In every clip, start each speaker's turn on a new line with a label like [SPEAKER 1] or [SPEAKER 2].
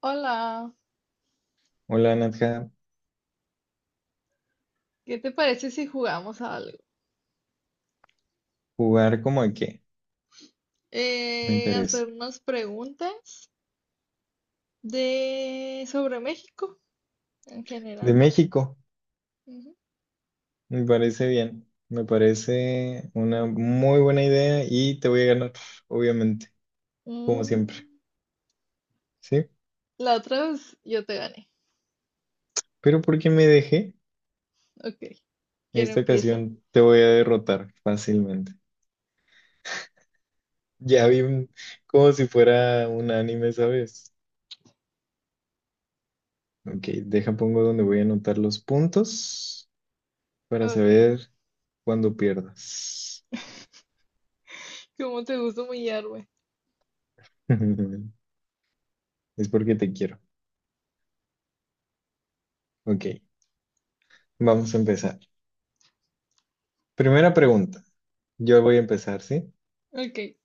[SPEAKER 1] Hola,
[SPEAKER 2] Hola Nadja,
[SPEAKER 1] ¿qué te parece si jugamos a algo?
[SPEAKER 2] jugar como a qué, me interesa.
[SPEAKER 1] Hacer unas preguntas de sobre México en
[SPEAKER 2] De
[SPEAKER 1] general.
[SPEAKER 2] México,
[SPEAKER 1] Ujú.
[SPEAKER 2] me parece bien, me parece una muy buena idea y te voy a ganar, obviamente, como siempre,
[SPEAKER 1] Mm,
[SPEAKER 2] ¿sí?
[SPEAKER 1] la otra vez yo te gané.
[SPEAKER 2] Pero ¿por qué me dejé?
[SPEAKER 1] Ok, ¿quién
[SPEAKER 2] Esta
[SPEAKER 1] empieza?
[SPEAKER 2] ocasión te voy a derrotar fácilmente. Ya vi un- Como si fuera un anime, ¿sabes? Ok, deja pongo donde voy a anotar los puntos para
[SPEAKER 1] Ok,
[SPEAKER 2] saber cuándo pierdas.
[SPEAKER 1] ¿cómo te gusta humillarme?
[SPEAKER 2] Es porque te quiero. Ok, vamos a empezar. Primera pregunta. Yo voy a empezar, ¿sí?
[SPEAKER 1] Ok, he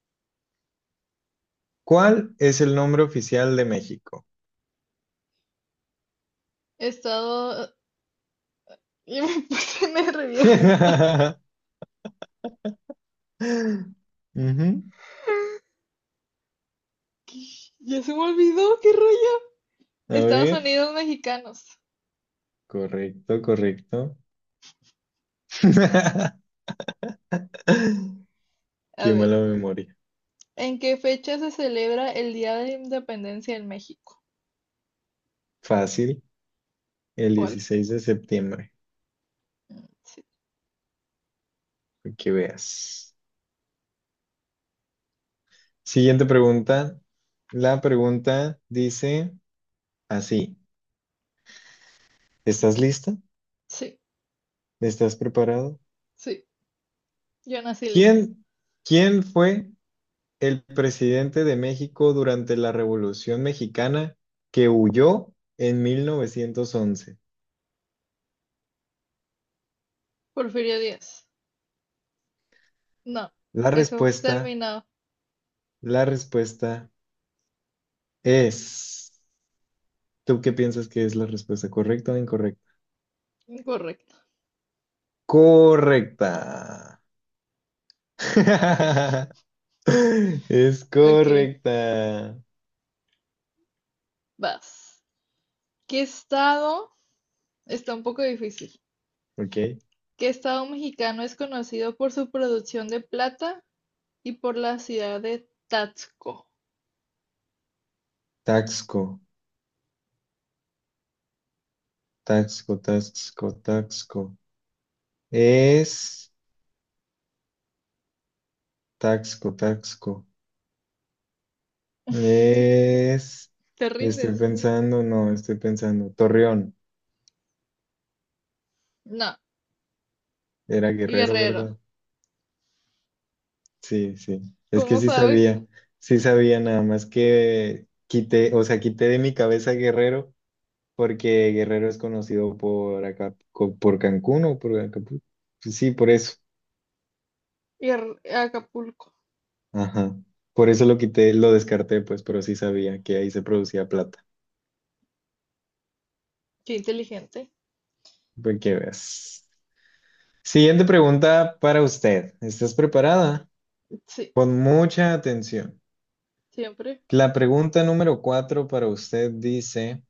[SPEAKER 2] ¿Cuál es el nombre oficial de México?
[SPEAKER 1] estado... Yo me puse nerviosa.
[SPEAKER 2] Ujú.
[SPEAKER 1] ¿Qué? Ya se me olvidó, qué rollo.
[SPEAKER 2] A
[SPEAKER 1] Estados
[SPEAKER 2] ver.
[SPEAKER 1] Unidos mexicanos.
[SPEAKER 2] Correcto, correcto.
[SPEAKER 1] A
[SPEAKER 2] Qué
[SPEAKER 1] ver,
[SPEAKER 2] mala memoria.
[SPEAKER 1] ¿en qué fecha se celebra el Día de la Independencia en México?
[SPEAKER 2] Fácil. El
[SPEAKER 1] ¿Cuál?
[SPEAKER 2] 16 de septiembre.
[SPEAKER 1] Sí,
[SPEAKER 2] Para que veas. Siguiente pregunta. La pregunta dice así. ¿Estás lista?
[SPEAKER 1] sí,
[SPEAKER 2] ¿Estás preparado?
[SPEAKER 1] sí. Yo nací lista.
[SPEAKER 2] ¿Quién, quién fue el presidente de México durante la Revolución Mexicana que huyó en 1911?
[SPEAKER 1] Porfirio Díaz. No,
[SPEAKER 2] La
[SPEAKER 1] eso
[SPEAKER 2] respuesta,
[SPEAKER 1] terminado.
[SPEAKER 2] la respuesta es... ¿Tú qué piensas que es la respuesta? ¿Correcta o incorrecta?
[SPEAKER 1] Incorrecto.
[SPEAKER 2] Correcta. Es
[SPEAKER 1] Ok,
[SPEAKER 2] correcta.
[SPEAKER 1] vas. ¿Qué estado? Está un poco difícil.
[SPEAKER 2] Ok.
[SPEAKER 1] ¿Qué estado mexicano es conocido por su producción de plata y por la ciudad de Taxco?
[SPEAKER 2] Taxco, Taxco, Taxco, Taxco. Es Taxco, Taxco. Es,
[SPEAKER 1] ¿Te
[SPEAKER 2] estoy
[SPEAKER 1] rindes?
[SPEAKER 2] pensando, no, estoy pensando. Torreón,
[SPEAKER 1] No,
[SPEAKER 2] era Guerrero,
[SPEAKER 1] Guerrero.
[SPEAKER 2] ¿verdad? Sí, sí. Es que
[SPEAKER 1] ¿Cómo
[SPEAKER 2] sí
[SPEAKER 1] sabes?
[SPEAKER 2] sabía, sí sabía, nada más que quité, o sea, quité de mi cabeza Guerrero porque Guerrero es conocido por acá, por Cancún o por Acapulco. Pues sí, por eso.
[SPEAKER 1] Acapulco.
[SPEAKER 2] Ajá. Por eso lo quité, lo descarté, pues, pero sí sabía que ahí se producía plata.
[SPEAKER 1] Qué inteligente.
[SPEAKER 2] Pues que veas. Siguiente pregunta para usted. ¿Estás preparada?
[SPEAKER 1] Sí,
[SPEAKER 2] Con mucha atención.
[SPEAKER 1] siempre.
[SPEAKER 2] La pregunta número cuatro para usted dice,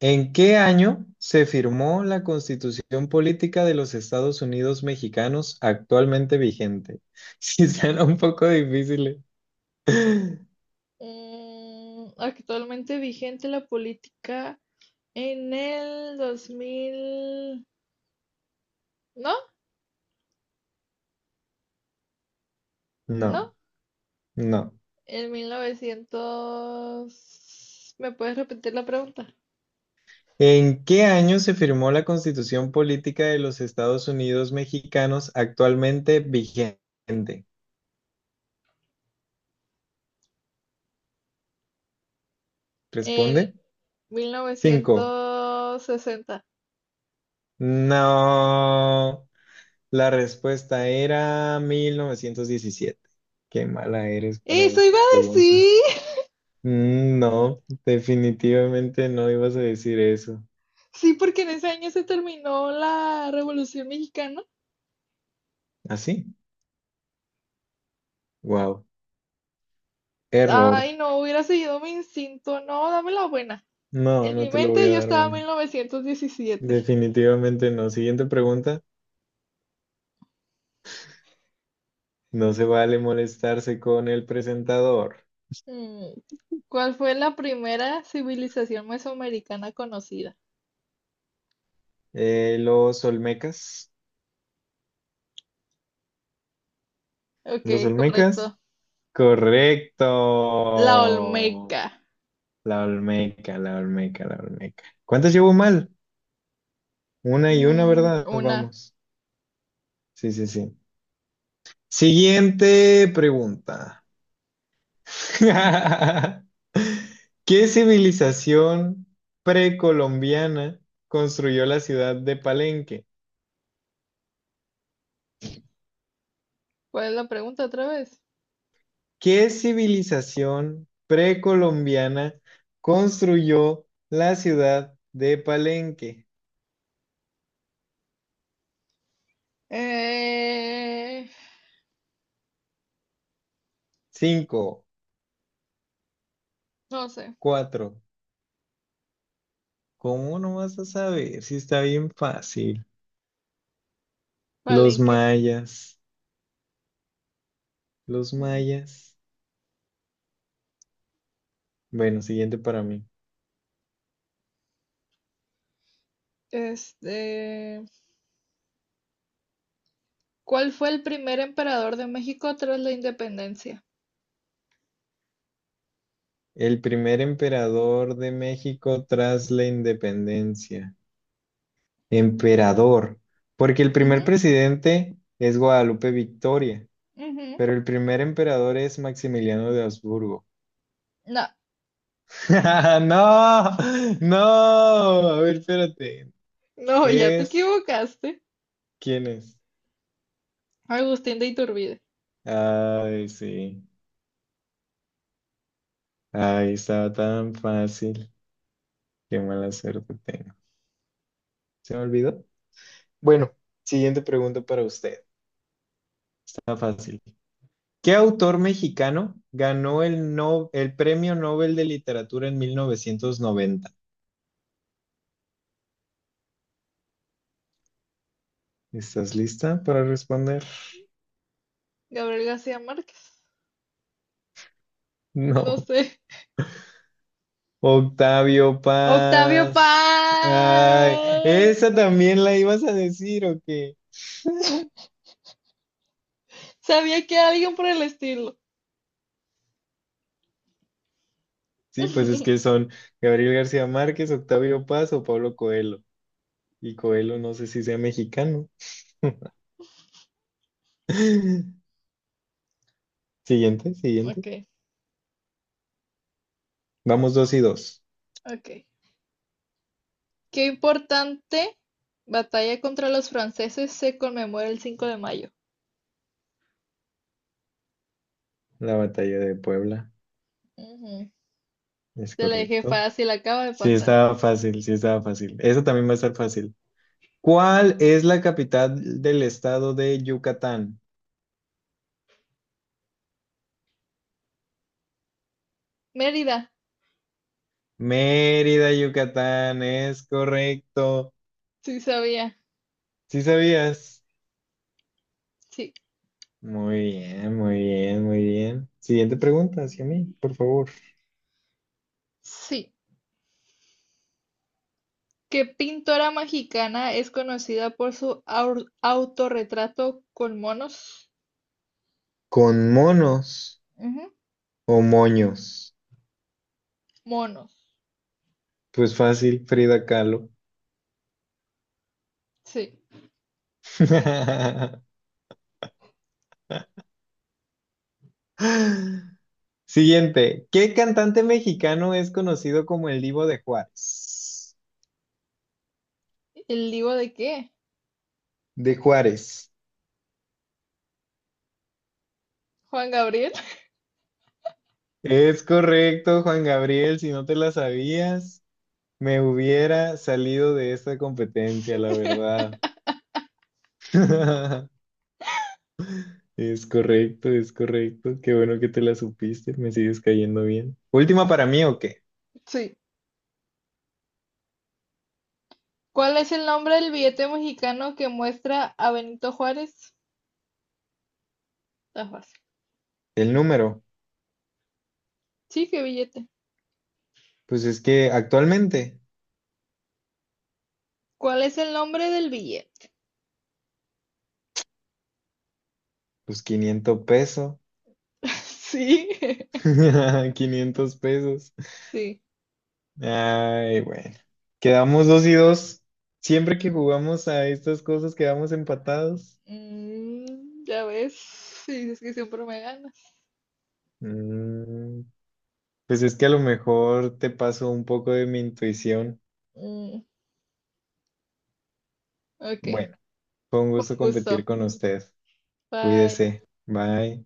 [SPEAKER 2] ¿en qué año se firmó la Constitución Política de los Estados Unidos Mexicanos actualmente vigente? Si suena un poco difícil.
[SPEAKER 1] Actualmente vigente la política en el 2000, no,
[SPEAKER 2] No,
[SPEAKER 1] no,
[SPEAKER 2] no.
[SPEAKER 1] en 1900, ¿me puedes repetir la pregunta?
[SPEAKER 2] ¿En qué año se firmó la Constitución Política de los Estados Unidos Mexicanos actualmente vigente?
[SPEAKER 1] En
[SPEAKER 2] Responde. Cinco.
[SPEAKER 1] 1960.
[SPEAKER 2] No. La respuesta era 1917. Qué mala eres para
[SPEAKER 1] Eso iba
[SPEAKER 2] estas
[SPEAKER 1] a decir,
[SPEAKER 2] preguntas. Mm, no, definitivamente no ibas a decir eso.
[SPEAKER 1] sí, porque en ese año se terminó la Revolución Mexicana.
[SPEAKER 2] ¿Así? Wow. Error.
[SPEAKER 1] Ay, no, hubiera seguido mi instinto, no, dame la buena.
[SPEAKER 2] No,
[SPEAKER 1] En
[SPEAKER 2] no
[SPEAKER 1] mi
[SPEAKER 2] te lo voy
[SPEAKER 1] mente
[SPEAKER 2] a
[SPEAKER 1] yo
[SPEAKER 2] dar,
[SPEAKER 1] estaba en
[SPEAKER 2] bueno.
[SPEAKER 1] 1917.
[SPEAKER 2] Definitivamente no. Siguiente pregunta. No se vale molestarse con el presentador.
[SPEAKER 1] Mm, ¿Cuál fue la primera civilización mesoamericana conocida?
[SPEAKER 2] Los Olmecas.
[SPEAKER 1] Ok,
[SPEAKER 2] ¿Los Olmecas?
[SPEAKER 1] correcto. La
[SPEAKER 2] Correcto.
[SPEAKER 1] Olmeca.
[SPEAKER 2] La Olmeca, la Olmeca, la Olmeca. ¿Cuántas llevo mal? Una y una, ¿verdad?
[SPEAKER 1] Una.
[SPEAKER 2] Vamos. Sí, sí, sí. Siguiente pregunta. ¿Qué civilización precolombiana construyó la ciudad de Palenque?
[SPEAKER 1] ¿Cuál es la pregunta otra vez?
[SPEAKER 2] ¿Qué civilización precolombiana construyó la ciudad de Palenque?
[SPEAKER 1] Eh,
[SPEAKER 2] Cinco,
[SPEAKER 1] no sé.
[SPEAKER 2] cuatro. ¿Cómo no vas a saber si está bien fácil? Los
[SPEAKER 1] Palenque.
[SPEAKER 2] mayas, los
[SPEAKER 1] Mm,
[SPEAKER 2] mayas. Bueno, siguiente para mí.
[SPEAKER 1] Este, ¿cuál fue el primer emperador de México tras la independencia?
[SPEAKER 2] El primer emperador de México tras la independencia. Emperador. Porque el
[SPEAKER 1] Ujú,
[SPEAKER 2] primer presidente es Guadalupe Victoria,
[SPEAKER 1] ujú.
[SPEAKER 2] pero el primer emperador es Maximiliano de Habsburgo.
[SPEAKER 1] No,
[SPEAKER 2] No, no. A ver, espérate.
[SPEAKER 1] no, ya te
[SPEAKER 2] Es...
[SPEAKER 1] equivocaste.
[SPEAKER 2] ¿Quién es?
[SPEAKER 1] Agustín de Iturbide.
[SPEAKER 2] Ay, sí. Ay, estaba tan fácil. Qué mala suerte tengo. ¿Se me olvidó? Bueno, siguiente pregunta para usted. Está fácil. ¿Qué autor mexicano ganó el, no- el Premio Nobel de Literatura en 1990? ¿Estás lista para responder?
[SPEAKER 1] Gabriel García Márquez. No
[SPEAKER 2] No.
[SPEAKER 1] sé.
[SPEAKER 2] Octavio
[SPEAKER 1] Octavio
[SPEAKER 2] Paz. Ay,
[SPEAKER 1] Paz.
[SPEAKER 2] esa también la ibas a decir, ¿o qué?
[SPEAKER 1] Sabía que alguien por el estilo.
[SPEAKER 2] Sí, pues es que son Gabriel García Márquez, Octavio Paz o Pablo Coelho. Y Coelho no sé si sea mexicano. Siguiente, siguiente.
[SPEAKER 1] Ok,
[SPEAKER 2] Vamos dos y dos.
[SPEAKER 1] ok. ¿Qué importante batalla contra los franceses se conmemora el 5 de mayo?
[SPEAKER 2] La batalla de Puebla,
[SPEAKER 1] Ujú.
[SPEAKER 2] es
[SPEAKER 1] Te la dejé
[SPEAKER 2] correcto.
[SPEAKER 1] fácil, acaba de
[SPEAKER 2] Sí,
[SPEAKER 1] pasar.
[SPEAKER 2] estaba fácil, sí, estaba fácil. Eso también va a estar fácil. ¿Cuál es la capital del estado de Yucatán?
[SPEAKER 1] Mérida,
[SPEAKER 2] Mérida, Yucatán, es correcto.
[SPEAKER 1] sí sabía.
[SPEAKER 2] ¿Sí sabías?
[SPEAKER 1] Sí,
[SPEAKER 2] Muy bien, muy bien, muy bien. Siguiente pregunta hacia mí, por favor.
[SPEAKER 1] sí. ¿Qué pintora mexicana es conocida por su autorretrato con monos?
[SPEAKER 2] ¿Con monos
[SPEAKER 1] Ujú,
[SPEAKER 2] o moños?
[SPEAKER 1] monos,
[SPEAKER 2] Pues fácil, Frida Kahlo.
[SPEAKER 1] sí.
[SPEAKER 2] Siguiente. ¿Qué cantante mexicano es conocido como el Divo de Juárez?
[SPEAKER 1] ¿El libro de qué?
[SPEAKER 2] De Juárez.
[SPEAKER 1] ¿Juan Gabriel?
[SPEAKER 2] Es correcto, Juan Gabriel, si no te la sabías, me hubiera salido de esta competencia, la verdad. Es correcto, es correcto. Qué bueno que te la supiste, me sigues cayendo bien. Última para mí, ¿o qué?
[SPEAKER 1] Sí. ¿Cuál es el nombre del billete mexicano que muestra a Benito Juárez? Está fácil.
[SPEAKER 2] El número.
[SPEAKER 1] Sí, qué billete.
[SPEAKER 2] Pues es que actualmente,
[SPEAKER 1] ¿Cuál es el nombre del billete?
[SPEAKER 2] pues 500 pesos.
[SPEAKER 1] Sí,
[SPEAKER 2] 500 pesos.
[SPEAKER 1] sí.
[SPEAKER 2] Ay, bueno. Quedamos dos y dos. Siempre que jugamos a estas cosas, quedamos empatados.
[SPEAKER 1] Ya ves, sí, es que siempre me ganas.
[SPEAKER 2] Mm. Pues es que a lo mejor te paso un poco de mi intuición.
[SPEAKER 1] Mm, ok,
[SPEAKER 2] Bueno, fue un
[SPEAKER 1] un
[SPEAKER 2] gusto competir
[SPEAKER 1] gusto.
[SPEAKER 2] con usted.
[SPEAKER 1] Bye.
[SPEAKER 2] Cuídese. Bye.